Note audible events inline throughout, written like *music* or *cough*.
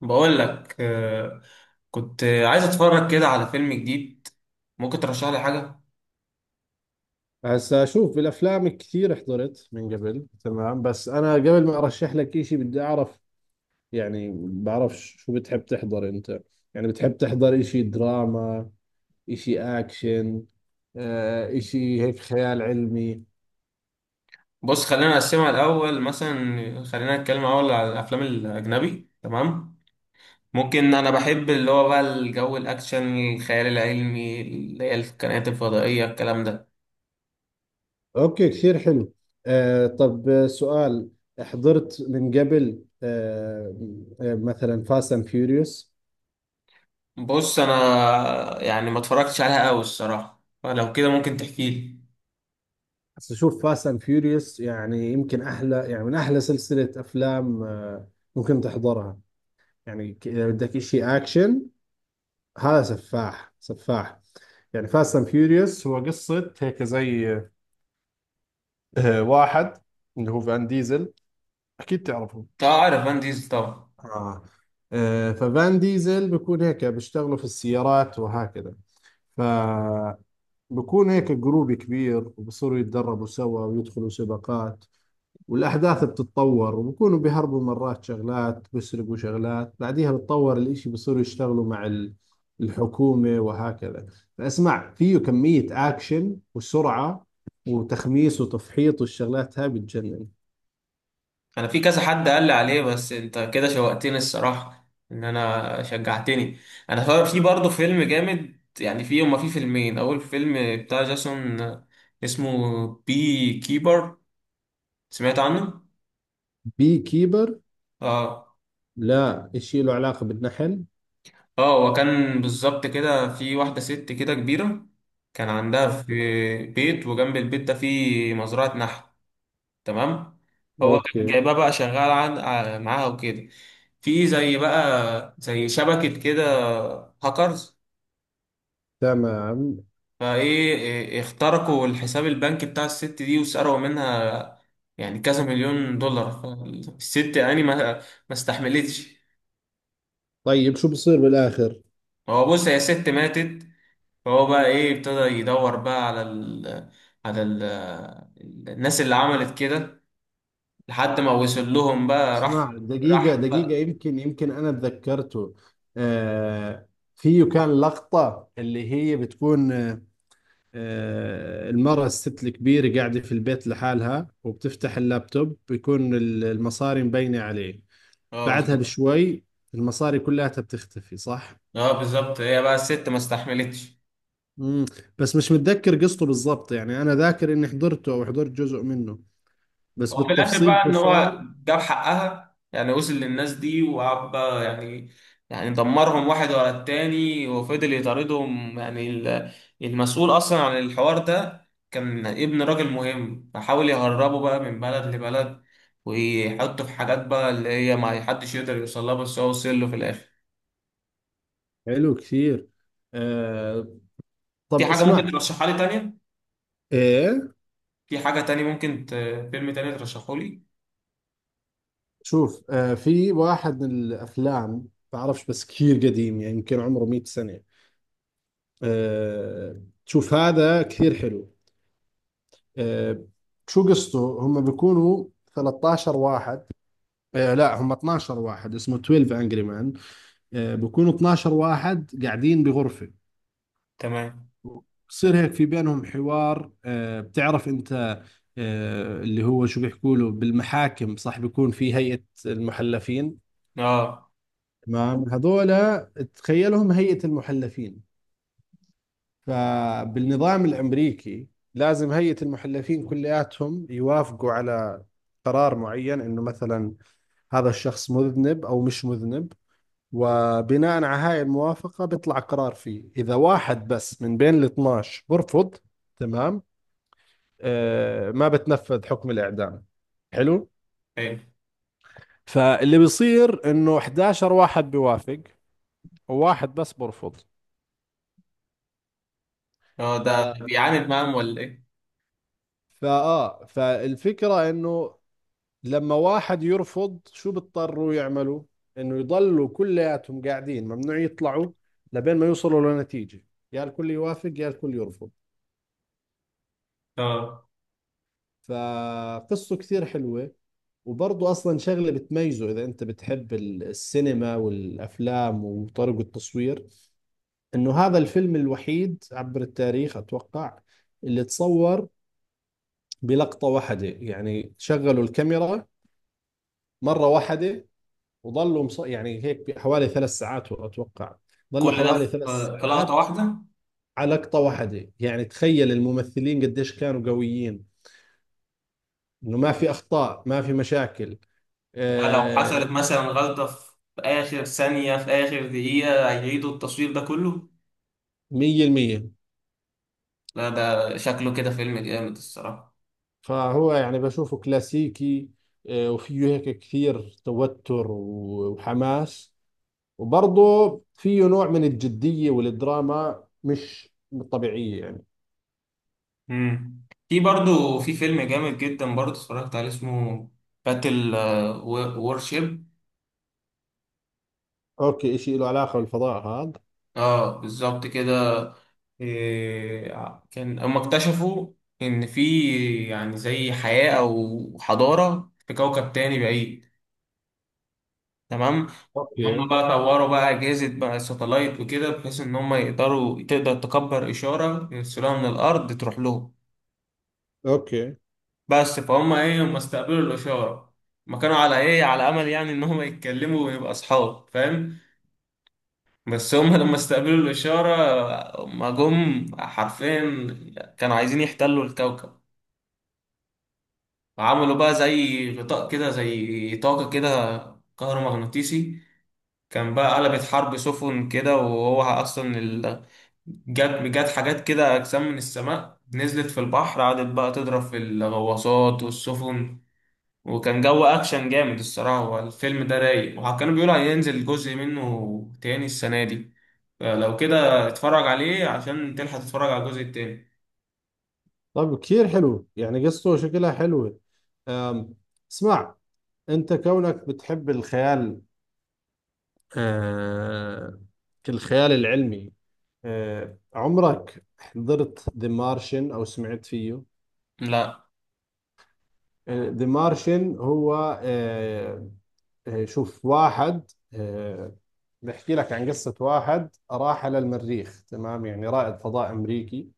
بقول لك كنت عايز اتفرج كده على فيلم جديد. ممكن ترشح لي حاجه؟ هسا شوف بالافلام كثير حضرت من قبل، تمام. بس انا قبل ما ارشح لك إشي بدي اعرف، يعني بعرف شو بتحب تحضر انت. يعني بتحب تحضر إشي دراما، إشي اكشن، إشي هيك خيال علمي؟ بص، خلينا نقسمها الاول، مثلا خلينا نتكلم اول على الافلام الاجنبي، تمام. ممكن، انا بحب اللي هو بقى الجو الاكشن، الخيال العلمي، اللي هي الكائنات الفضائيه الكلام ده. اوكي، كثير حلو. طب سؤال. حضرت من قبل مثلا فاست اند فيوريوس؟ بص، انا يعني ما اتفرجتش عليها قوي الصراحه، فلو كده ممكن تحكي لي. هسا شوف، فاست اند فيوريوس يعني يمكن احلى، يعني من احلى سلسلة افلام. ممكن تحضرها، يعني إذا بدك إشي أكشن هذا سفاح سفاح. يعني فاست أند فيوريوس هو قصة هيك زي واحد اللي هو فان ديزل، أكيد تعرفه. تعرف فان ديزل طبعا. آه. ففان ديزل بيكون هيك بيشتغلوا في السيارات وهكذا، فبكون هيك جروب كبير وبصيروا يتدربوا سوا ويدخلوا سباقات. والأحداث بتتطور وبكونوا بيهربوا مرات، شغلات بيسرقوا شغلات، بعديها بتطور الإشي بيصيروا يشتغلوا مع الحكومة وهكذا. فأسمع، فيه كمية أكشن وسرعة وتخميس وتفحيط والشغلات هاي بتجنن. انا في كذا حد قال لي عليه، بس انت كده شوقتني الصراحه، ان انا شجعتني. انا في برضه فيلم جامد، يعني في هما في فيلمين. اول فيلم بتاع جاسون، اسمه بي كيبر. سمعت عنه؟ بي كيبر؟ اه. لا، إشي له علاقة بالنحل. اه، وكان بالظبط كده في واحده ست كده كبيره، كان عندها في بيت، وجنب البيت ده في مزرعه نحل، تمام. هو كان أوكي. جايبها بقى شغال معاها وكده. في زي شبكة كده، هاكرز، تمام. فايه. اخترقوا الحساب البنكي بتاع الست دي وسرقوا منها يعني كذا مليون دولار. فالست يعني ما استحملتش. طيب شو بصير بالآخر؟ هو بص، هي ست ماتت. فهو بقى ابتدى يدور بقى على الناس اللي عملت كده، لحد ما وصل لهم بقى. راح. اسمع، دقيقة راح دقيقة، بقى. يمكن أنا تذكرته. آه فيه كان لقطة اللي هي بتكون المرأة، الست الكبيرة، قاعدة في البيت لحالها وبتفتح اللابتوب بيكون المصاري مبينة عليه. اه، بعدها بالظبط. بشوي المصاري كلها بتختفي، صح؟ اه، بالظبط، هي بقى الست ما استحملتش. مم. بس مش متذكر قصته بالضبط، يعني أنا ذاكر إني حضرته أو حضرت جزء منه، بس هو في الاخر بالتفصيل بقى شو ان صار. هو جاب حقها، يعني وصل للناس دي وقعد بقى يعني، يعني دمرهم واحد ورا التاني، وفضل يطاردهم. يعني المسؤول اصلا عن الحوار ده كان ابن راجل مهم، فحاول يهربه بقى من بلد لبلد، ويحطه في حاجات بقى اللي هي ما حدش يقدر يوصلها، بس هو وصل له في الاخر. حلو كثير. آه في طب حاجة ممكن اسمع. ترشحها لي تانية؟ إيه، في حاجة تانية ممكن فيلم تاني ترشحه لي؟ شوف، في واحد من الأفلام. بعرفش بس كثير قديم، يعني يمكن عمره 100 سنة. شوف هذا كثير حلو. آه، شو قصته، هم بيكونوا 13 واحد، لا هم 12 واحد، اسمه 12 انجري مان. بيكونوا 12 واحد قاعدين بغرفة. تمام. بصير هيك في بينهم حوار. بتعرف انت اللي هو شو بيحكوا له بالمحاكم، صح؟ بيكون في هيئة المحلفين. اه. تمام، هذول تخيلهم هيئة المحلفين. فبالنظام الامريكي لازم هيئة المحلفين كلياتهم يوافقوا على قرار معين، انه مثلا هذا الشخص مذنب أو مش مذنب. وبناء على هاي الموافقة بيطلع قرار. فيه إذا واحد بس من بين ال 12 برفض، تمام، ما بتنفذ حكم الإعدام. حلو. حلو. فاللي بيصير إنه 11 واحد بيوافق وواحد بس برفض. اه، ف... ده بيعاند معاهم ولا ايه؟ فآه فالفكرة إنه لما واحد يرفض، شو بيضطروا يعملوا؟ إنه يضلوا كلياتهم قاعدين، ممنوع يطلعوا لبين ما يوصلوا لنتيجة، يا الكل يوافق يا الكل يرفض. اه، فقصته كثير حلوة. وبرضه أصلا شغلة بتميزه، إذا أنت بتحب السينما والأفلام وطرق التصوير. إنه هذا الفيلم الوحيد عبر التاريخ أتوقع اللي تصور بلقطة واحدة. يعني شغلوا الكاميرا مرة واحدة، وظلوا يعني هيك حوالي 3 ساعات أتوقع، ظلوا كل ده حوالي في ثلاث في لقطة ساعات واحدة؟ على لقطة واحدة. يعني تخيل الممثلين قديش كانوا قويين، إنه ما في أخطاء ما في مشاكل. يعني لو آه، حصلت مثلا غلطة في آخر ثانية في آخر دقيقة، هيعيدوا التصوير ده كله؟ مية المية. لا، ده شكله كده فيلم جامد الصراحة. فهو يعني بشوفه كلاسيكي. وفيه هيك كثير توتر وحماس. وبرضه فيه نوع من الجدية والدراما مش طبيعية، يعني. امم في برضو في فيلم جامد جدا برضو، اتفرجت عليه، اسمه باتل وورشيب. أوكي، إشي له علاقة بالفضاء هذا؟ اه، بالظبط كده. كان هم اكتشفوا ان في يعني زي حياة او حضارة في كوكب تاني بعيد. تمام. هم أوكي. بقى طوروا بقى أجهزة بقى ساتلايت وكده، بحيث إن هم يقدروا تقدر تكبر إشارة يرسلوها من الأرض تروح لهم. أوكي بس فهم هم استقبلوا الإشارة، ما كانوا على أمل يعني إن هم يتكلموا ويبقى أصحاب، فاهم؟ بس هم لما استقبلوا الإشارة هم جم حرفيا كانوا عايزين يحتلوا الكوكب. عملوا بقى زي غطاء كده، زي طاقة كده كهرومغناطيسي، كان بقى قلبت حرب سفن كده، وهو اصلا جت حاجات كده، اجسام من السماء نزلت في البحر، قعدت بقى تضرب في الغواصات والسفن، وكان جو اكشن جامد الصراحه. هو الفيلم ده رايق، وكانوا بيقولوا هينزل جزء منه تاني السنه دي، فلو كده اتفرج عليه عشان تلحق تتفرج على الجزء التاني. طب، كثير حلو يعني قصته شكلها حلوة. أم، اسمع، أنت كونك بتحب الخيال، آه الخيال العلمي. عمرك حضرت ذا مارشن او سمعت فيه؟ لا، ذا مارشن هو آه، شوف، واحد بحكي لك عن قصة واحد راح على المريخ، تمام، يعني رائد فضاء امريكي.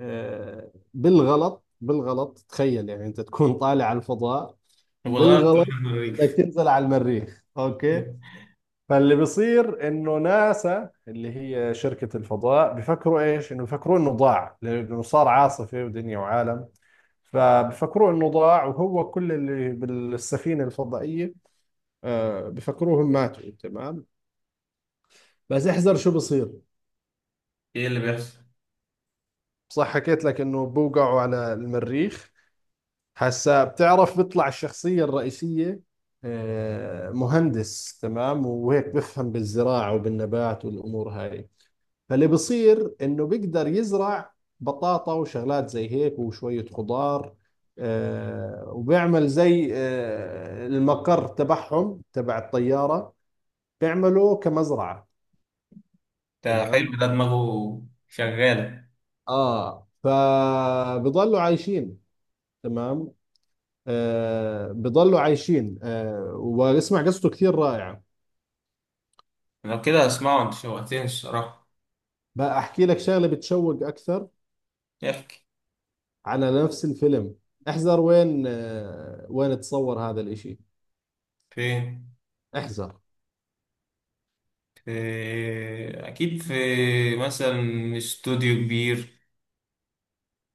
بالغلط، بالغلط، تخيل يعني انت تكون طالع على الفضاء، وغيرت بالغلط *laughs* انك تنزل على المريخ. اوكي. فاللي بيصير انه ناسا، اللي هي شركة الفضاء، بفكروا ايش؟ انه بفكروا انه ضاع، لانه صار عاصفة ودنيا وعالم. فبفكروا انه ضاع، وهو كل اللي بالسفينة الفضائية بفكروهم ماتوا. تمام، بس احذر شو بصير. ايه اللي بيحصل؟ صح حكيت لك انه بوقعوا على المريخ. هسا بتعرف، بيطلع الشخصية الرئيسية مهندس، تمام، وهيك بفهم بالزراعة وبالنبات والامور هاي. فاللي بيصير انه بيقدر يزرع بطاطا وشغلات زي هيك وشوية خضار. وبيعمل زي المقر تبعهم تبع الطيارة، بيعملوا كمزرعة. ده حلو، تمام. ده دماغه شغاله. اه، فبضلوا عايشين. تمام، بضلوا عايشين. واسمع قصته كثير رائعة. لو كده اسمعه، انت شوقتني الصراحه. بقى احكي لك شغلة بتشوق اكثر احكي. على نفس الفيلم. احذر وين تصور هذا الاشي. فين؟ احذر. في، اكيد في مثلا استوديو كبير.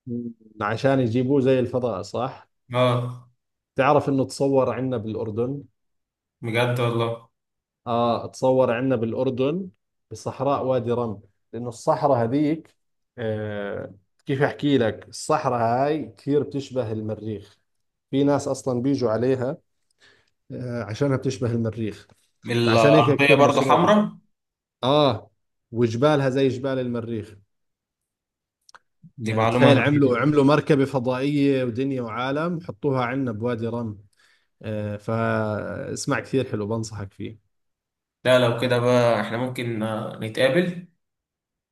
مم. عشان يجيبوه زي الفضاء، صح؟ اه، تعرف انه تصور عندنا بالاردن؟ بجد والله؟ اه، تصور عندنا بالاردن، بصحراء وادي رم. لانه الصحراء هذيك، آه كيف احكي لك؟ الصحراء هاي كثير بتشبه المريخ، في ناس اصلا بيجوا عليها عشانها بتشبه المريخ، فعشان هيك الارضيه كثير برضو مصروحة. حمراء. اه، وجبالها زي جبال المريخ، دي يعني معلومه تخيل عملوا جديده. عملوا مركبة فضائية ودنيا وعالم حطوها عندنا بوادي رم. فاسمع، كثير حلو بنصحك فيه. لا، لو كده بقى احنا ممكن نتقابل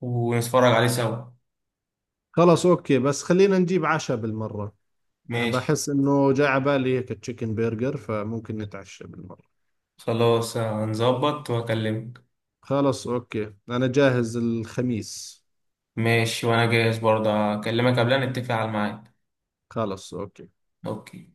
ونتفرج عليه سوا. خلاص، أوكي، بس خلينا نجيب عشاء بالمرة. ماشي. بحس إنه جاء على بالي هيك تشيكن برجر، فممكن نتعشى بالمرة. خلاص، هنظبط واكلمك. خلاص أوكي، أنا جاهز الخميس. ماشي، وانا جاهز برضه، اكلمك قبلها نتفق على الميعاد. خلاص أوكي. اوكي.